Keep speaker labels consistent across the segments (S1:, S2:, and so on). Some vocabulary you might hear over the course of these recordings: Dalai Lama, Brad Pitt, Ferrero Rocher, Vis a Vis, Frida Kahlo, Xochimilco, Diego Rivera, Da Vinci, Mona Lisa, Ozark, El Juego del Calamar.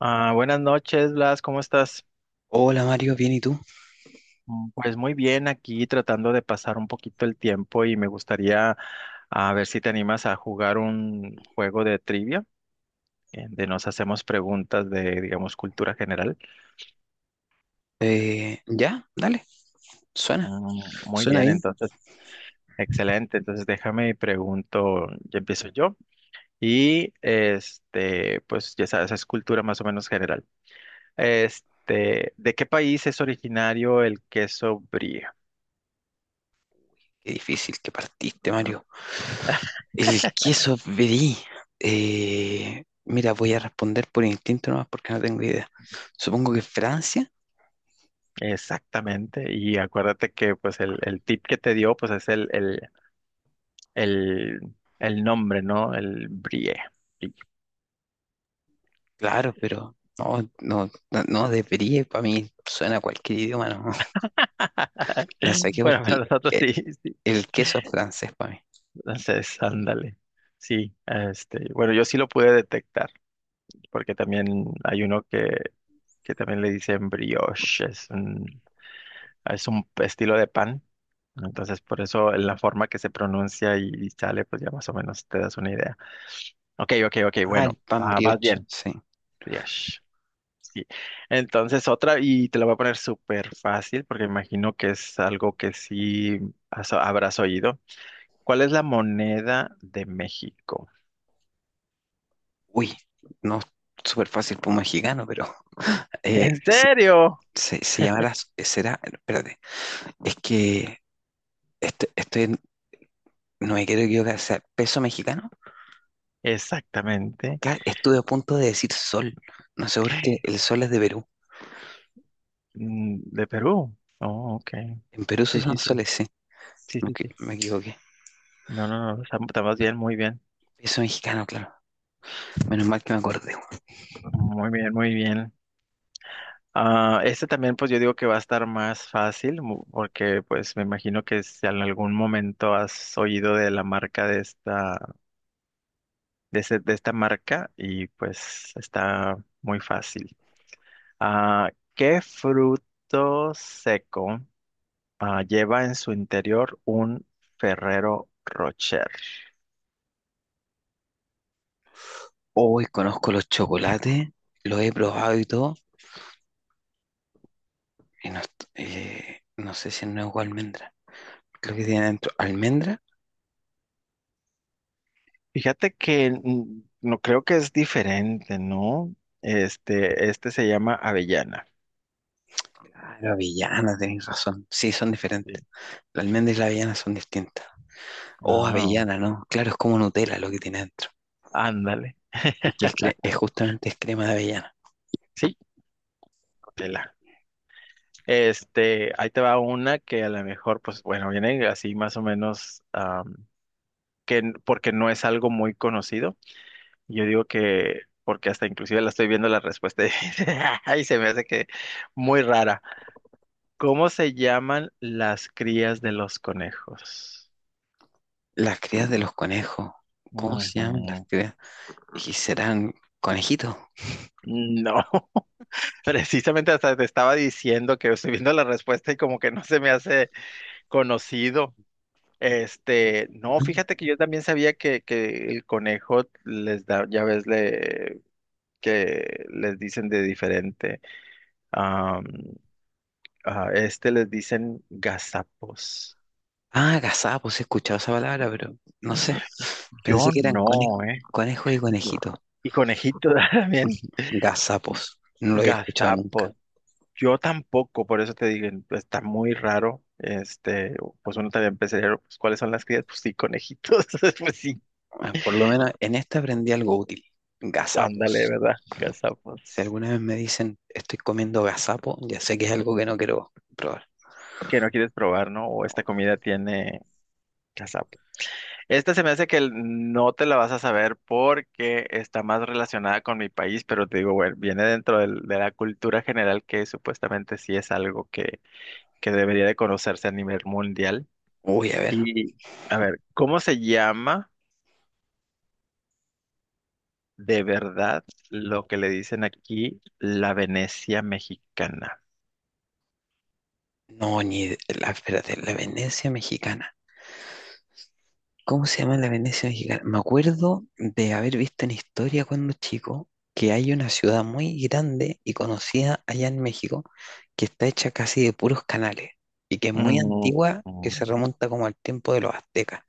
S1: Ah, buenas noches, Blas, ¿cómo estás?
S2: Hola Mario, bien ¿y tú?
S1: Pues muy bien, aquí tratando de pasar un poquito el tiempo y me gustaría a ver si te animas a jugar un juego de trivia, de nos hacemos preguntas de, digamos, cultura general.
S2: Ya, dale, suena,
S1: Muy
S2: suena
S1: bien,
S2: bien.
S1: entonces, excelente. Entonces, déjame y pregunto, ya empiezo yo. Y este, pues ya sabes, es cultura más o menos general. Este, ¿de qué país es originario el queso brie?
S2: Qué difícil que partiste, Mario. El queso brie. Mira, voy a responder por instinto nomás porque no tengo idea. Supongo que Francia,
S1: Exactamente, y acuérdate que pues el tip que te dio pues es el nombre, ¿no? El brie. Brie.
S2: claro, pero no, de brie para mí suena a cualquier idioma, no. La saqué
S1: Bueno, para
S2: porque
S1: nosotros
S2: el,
S1: sí, sí.
S2: el queso es francés para mí.
S1: Entonces, ándale. Sí, este, bueno, yo sí lo pude detectar, porque también hay uno que también le dicen brioche, es un estilo de pan. Entonces, por eso en la forma que se pronuncia y sale, pues ya más o menos te das una idea. Ok, ok, ok,
S2: Ah, el
S1: bueno,
S2: pan
S1: ah, vas
S2: brioche,
S1: bien.
S2: sí.
S1: Dios. Sí. Entonces otra, y te la voy a poner súper fácil porque imagino que es algo que sí habrás oído. ¿Cuál es la moneda de México?
S2: Uy, no, súper fácil para un mexicano, pero eh,
S1: ¿En serio?
S2: Se llamará, será, espérate, es que estoy, no me quiero equivocar, o sea, peso mexicano,
S1: Exactamente.
S2: claro, estuve a punto de decir sol, no sé por qué, el sol es de Perú,
S1: ¿De Perú? Oh, ok.
S2: en Perú se
S1: Sí, sí,
S2: usan
S1: sí.
S2: soles, sí,
S1: Sí, sí, sí.
S2: me equivoqué,
S1: No, no, no. Estamos bien, muy bien.
S2: peso mexicano, claro, menos mal que me acordé.
S1: Muy bien, muy bien. Ah, este también, pues yo digo que va a estar más fácil, porque pues me imagino que si en algún momento has oído de la marca de esta, de esta marca y pues está muy fácil. Ah, ¿qué fruto seco lleva en su interior un Ferrero Rocher?
S2: Hoy conozco los chocolates, los he probado y todo, y no, no sé si es nuevo almendra, creo que tiene dentro almendra.
S1: Fíjate que no creo que es diferente, ¿no? Este se llama avellana.
S2: Ah, la avellana, tenéis razón, sí, son diferentes,
S1: Sí.
S2: la almendra y la avellana son distintas. O
S1: Ah,
S2: avellana, ¿no? Claro, es como Nutella lo que tiene dentro.
S1: ándale.
S2: Que es, es justamente es crema de avellana.
S1: Sí, Tela. Este, ahí te va una que a lo mejor, pues bueno, viene así más o menos, porque no es algo muy conocido. Yo digo que, porque hasta inclusive la estoy viendo la respuesta y y se me hace que muy rara. ¿Cómo se llaman las crías de los conejos?
S2: Las crías de los conejos. ¿Cómo se llaman las
S1: Ujú.
S2: crías? ¿Y serán conejitos?
S1: No, precisamente hasta te estaba diciendo que estoy viendo la respuesta y como que no se me hace conocido. Este, no,
S2: ¿No?
S1: fíjate que yo también sabía que el conejo les da, ya ves, que les dicen de diferente. Am, a este les dicen gazapos.
S2: Ah, gazapos, he escuchado esa palabra, pero no sé. Pensé
S1: Yo
S2: que eran conejos,
S1: no, ¿eh?
S2: conejos y conejitos.
S1: Y conejito también,
S2: Gazapos. No lo había escuchado nunca.
S1: gazapos. Yo tampoco, por eso te digo, está muy raro. Este, pues uno también pensaría, pues, ¿cuáles son las crías? Pues sí, conejitos, pues sí,
S2: Ah, por lo menos en esta aprendí algo útil.
S1: ándale,
S2: Gazapos.
S1: ¿verdad?
S2: Si
S1: Gazapos.
S2: alguna vez me dicen estoy comiendo gazapo, ya sé que es algo que no quiero probar.
S1: Que no quieres probar, ¿no? O
S2: No.
S1: esta comida tiene cazapo. Esta se me hace no te la vas a saber porque está más relacionada con mi país, pero te digo, bueno, viene dentro de la cultura general que supuestamente sí es algo que debería de conocerse a nivel mundial.
S2: Uy, a ver.
S1: Y a ver, ¿cómo se llama de verdad lo que le dicen aquí la Venecia mexicana?
S2: No, ni de- la, espérate, la Venecia mexicana. ¿Cómo se llama la Venecia mexicana? Me acuerdo de haber visto en historia cuando chico que hay una ciudad muy grande y conocida allá en México, que está hecha casi de puros canales y que es muy
S1: Mm,
S2: antigua, que se
S1: mm,
S2: remonta como al tiempo de los aztecas.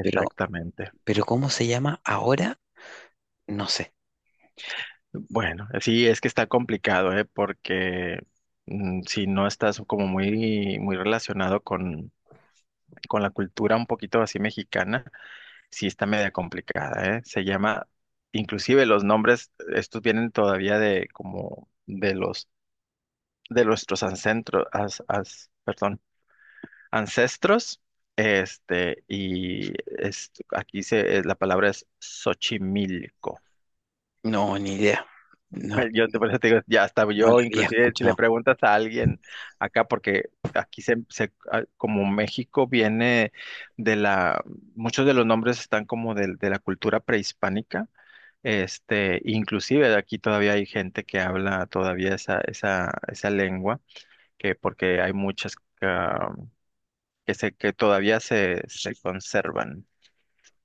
S2: Pero, pero ¿cómo se llama ahora? No sé.
S1: Bueno, sí, es que está complicado, ¿eh? Porque si no estás como muy, muy relacionado con la cultura un poquito así mexicana, sí está media complicada, ¿eh? Se llama, inclusive los nombres, estos vienen todavía de como de nuestros ancestros, perdón, ancestros, este, y es, aquí se, la palabra es Xochimilco.
S2: No, ni idea. No,
S1: Yo te, por eso te digo, ya hasta
S2: no la
S1: yo,
S2: había
S1: inclusive si le
S2: escuchado.
S1: preguntas a alguien acá, porque aquí se, como México viene de la, muchos de los nombres están como de, la cultura prehispánica, este, inclusive aquí todavía hay gente que habla todavía esa lengua, que porque hay muchas ah, que todavía se, se conservan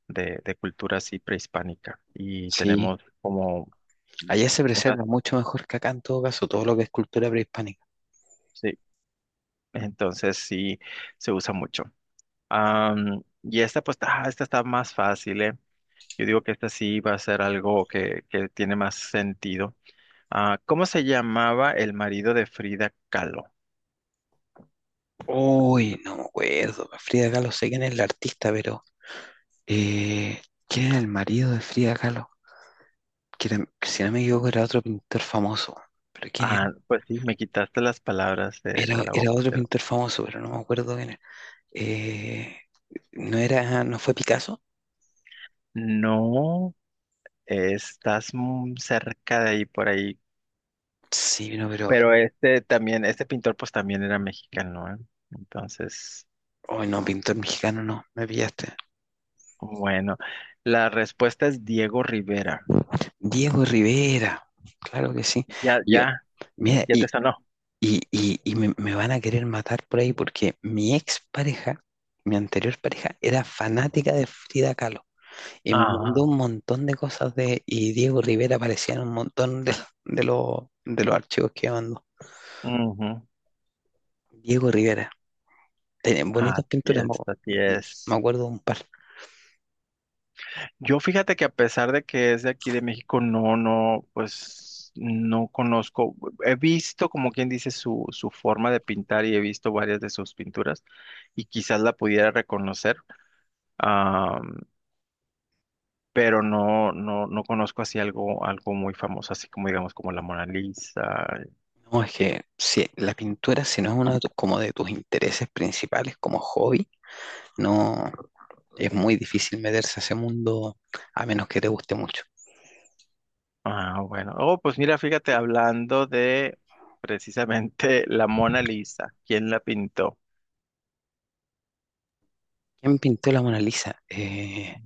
S1: de cultura así prehispánica, y
S2: Sí.
S1: tenemos como
S2: Allá se
S1: una
S2: preserva mucho mejor que acá, en todo caso, todo lo que es cultura prehispánica.
S1: sí, Entonces sí se usa mucho. Y esta pues esta está más fácil, ¿eh? Yo digo que esta sí va a ser algo que tiene más sentido. Ah, ¿cómo se llamaba el marido de Frida Kahlo?
S2: Uy, no me acuerdo. Frida Kahlo, sé quién es la artista, pero eh, ¿quién era el marido de Frida Kahlo? Que si no me equivoco, era otro pintor famoso. ¿Pero quién era?
S1: Ah, pues sí, me quitaste las palabras de la
S2: Era
S1: boca,
S2: otro
S1: pero
S2: pintor famoso, pero no me acuerdo quién era. Eh, ¿No era, no fue Picasso?
S1: no estás muy cerca de ahí por ahí.
S2: Sí, no, pero,
S1: Pero este también, este pintor pues también era mexicano, ¿eh? Entonces,
S2: oh, no, pintor mexicano, no, me pillaste.
S1: bueno, la respuesta es Diego Rivera.
S2: Diego Rivera, claro que sí.
S1: Ya,
S2: Yo,
S1: ya,
S2: mira,
S1: ya te sanó.
S2: Me, me van a querer matar por ahí porque mi ex pareja, mi anterior pareja, era fanática de Frida Kahlo y me
S1: Ah,
S2: mandó un montón de cosas de, y Diego Rivera aparecía en un montón de, de los archivos que me mandó.
S1: ujú.
S2: Diego Rivera tenía bonitas
S1: Así
S2: pinturas,
S1: es, así
S2: me
S1: es.
S2: acuerdo de un par.
S1: Yo fíjate que a pesar de que es de aquí de México, no, no, pues no conozco. He visto, como quien dice, su forma de pintar y he visto varias de sus pinturas y quizás la pudiera reconocer, am, pero no, no, no conozco así algo, algo muy famoso, así como digamos como la Mona Lisa,
S2: No, es que si la pintura, si no es uno de tus, como de tus intereses principales como hobby, no es muy difícil meterse a ese mundo a menos que te guste mucho.
S1: Ah, bueno. Oh, pues mira, fíjate, hablando de precisamente la Mona Lisa, ¿quién la pintó?
S2: ¿Quién pintó la Mona Lisa?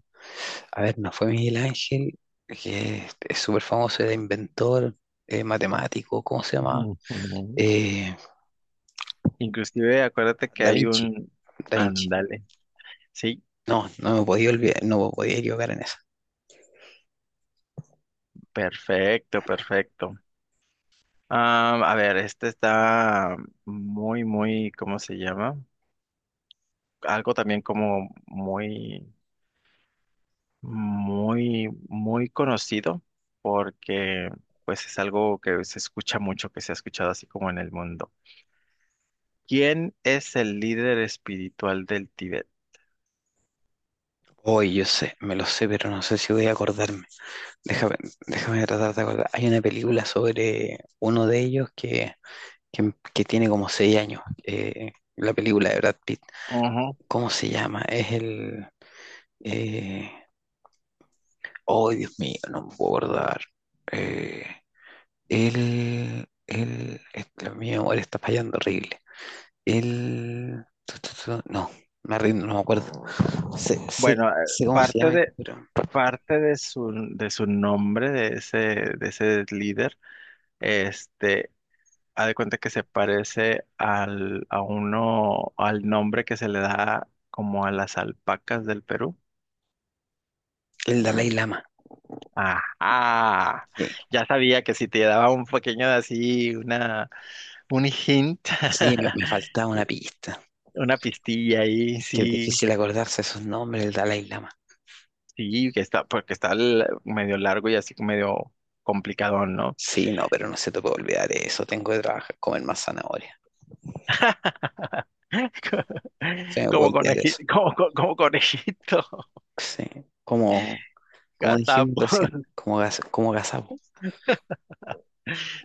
S2: A ver, no fue Miguel Ángel, que es súper famoso, era inventor, matemático, ¿cómo se llama?
S1: Ujú.
S2: Eh,
S1: Inclusive, acuérdate que
S2: Da
S1: hay
S2: Vinci,
S1: un...
S2: Da Vinci.
S1: Ándale. Sí,
S2: No, no me podía olvidar, no me podía equivocar en eso.
S1: perfecto, perfecto. Ah, a ver, este está muy, muy, ¿cómo se llama? Algo también como muy, muy, muy conocido, porque pues es algo que se escucha mucho, que se ha escuchado así como en el mundo. ¿Quién es el líder espiritual del Tíbet?
S2: Hoy yo sé, me lo sé, pero no sé si voy a acordarme. Déjame, déjame tratar de acordar. Hay una película sobre uno de ellos que tiene como seis años, la película de Brad Pitt.
S1: Ujú.
S2: ¿Cómo se llama? Es el... eh, Oh, Dios mío, no me puedo acordar. Eh, este, mi memoria está fallando horrible. Él, no, me rindo, no me acuerdo. Sé, sé,
S1: Bueno,
S2: sé cómo se
S1: parte
S2: llama,
S1: de,
S2: pero
S1: parte de su nombre, de ese líder, este, haz de cuenta que se parece al, a uno, al nombre que se le da como a las alpacas del Perú.
S2: el Dalai Lama.
S1: Ajá,
S2: Sí,
S1: ya sabía que si te daba un pequeño de así, una, un hint,
S2: sí, me faltaba una pista.
S1: una pistilla ahí,
S2: Que es
S1: sí.
S2: difícil acordarse esos nombres, el Dalai Lama.
S1: Sí, que está, porque está medio largo y así medio complicadón, ¿no?
S2: Sí, no, pero no se te puede olvidar eso. Tengo que trabajar, comer más zanahoria. Se me puede
S1: Como
S2: olvidar eso.
S1: conejito, como, como conejito,
S2: Sí, como, como dijimos
S1: gazapo.
S2: recién, como, como gazapo.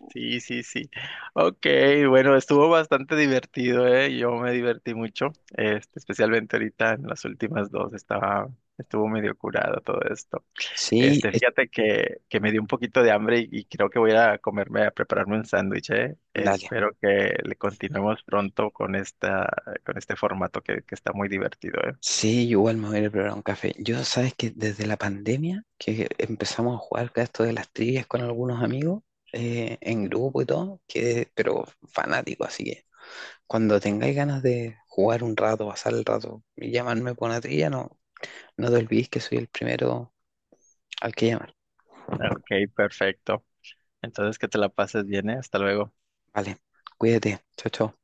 S1: Sí, sí, sí. Ok, bueno, estuvo bastante divertido, ¿eh? Yo me divertí mucho, este, especialmente ahorita en las últimas dos, estaba, estuvo medio curado todo esto.
S2: Sí,
S1: Este,
S2: es-
S1: fíjate que me dio un poquito de hambre y creo que voy a comerme, a prepararme un sándwich, ¿eh?
S2: Dale.
S1: Espero que le continuemos pronto con esta, con este formato que está muy divertido, ¿eh?
S2: Sí, yo igual me voy a ir a preparar un café. Yo, sabes que desde la pandemia, que empezamos a jugar con esto de las trivias con algunos amigos, en grupo y todo, que, pero fanático, así que cuando tengáis ganas de jugar un rato, pasar el rato y llamarme por una trivia, no, no te olvides que soy el primero al que llamar.
S1: Ok, perfecto. Entonces, que te la pases bien, ¿eh? Hasta luego.
S2: Vale, cuídate, chao, chao.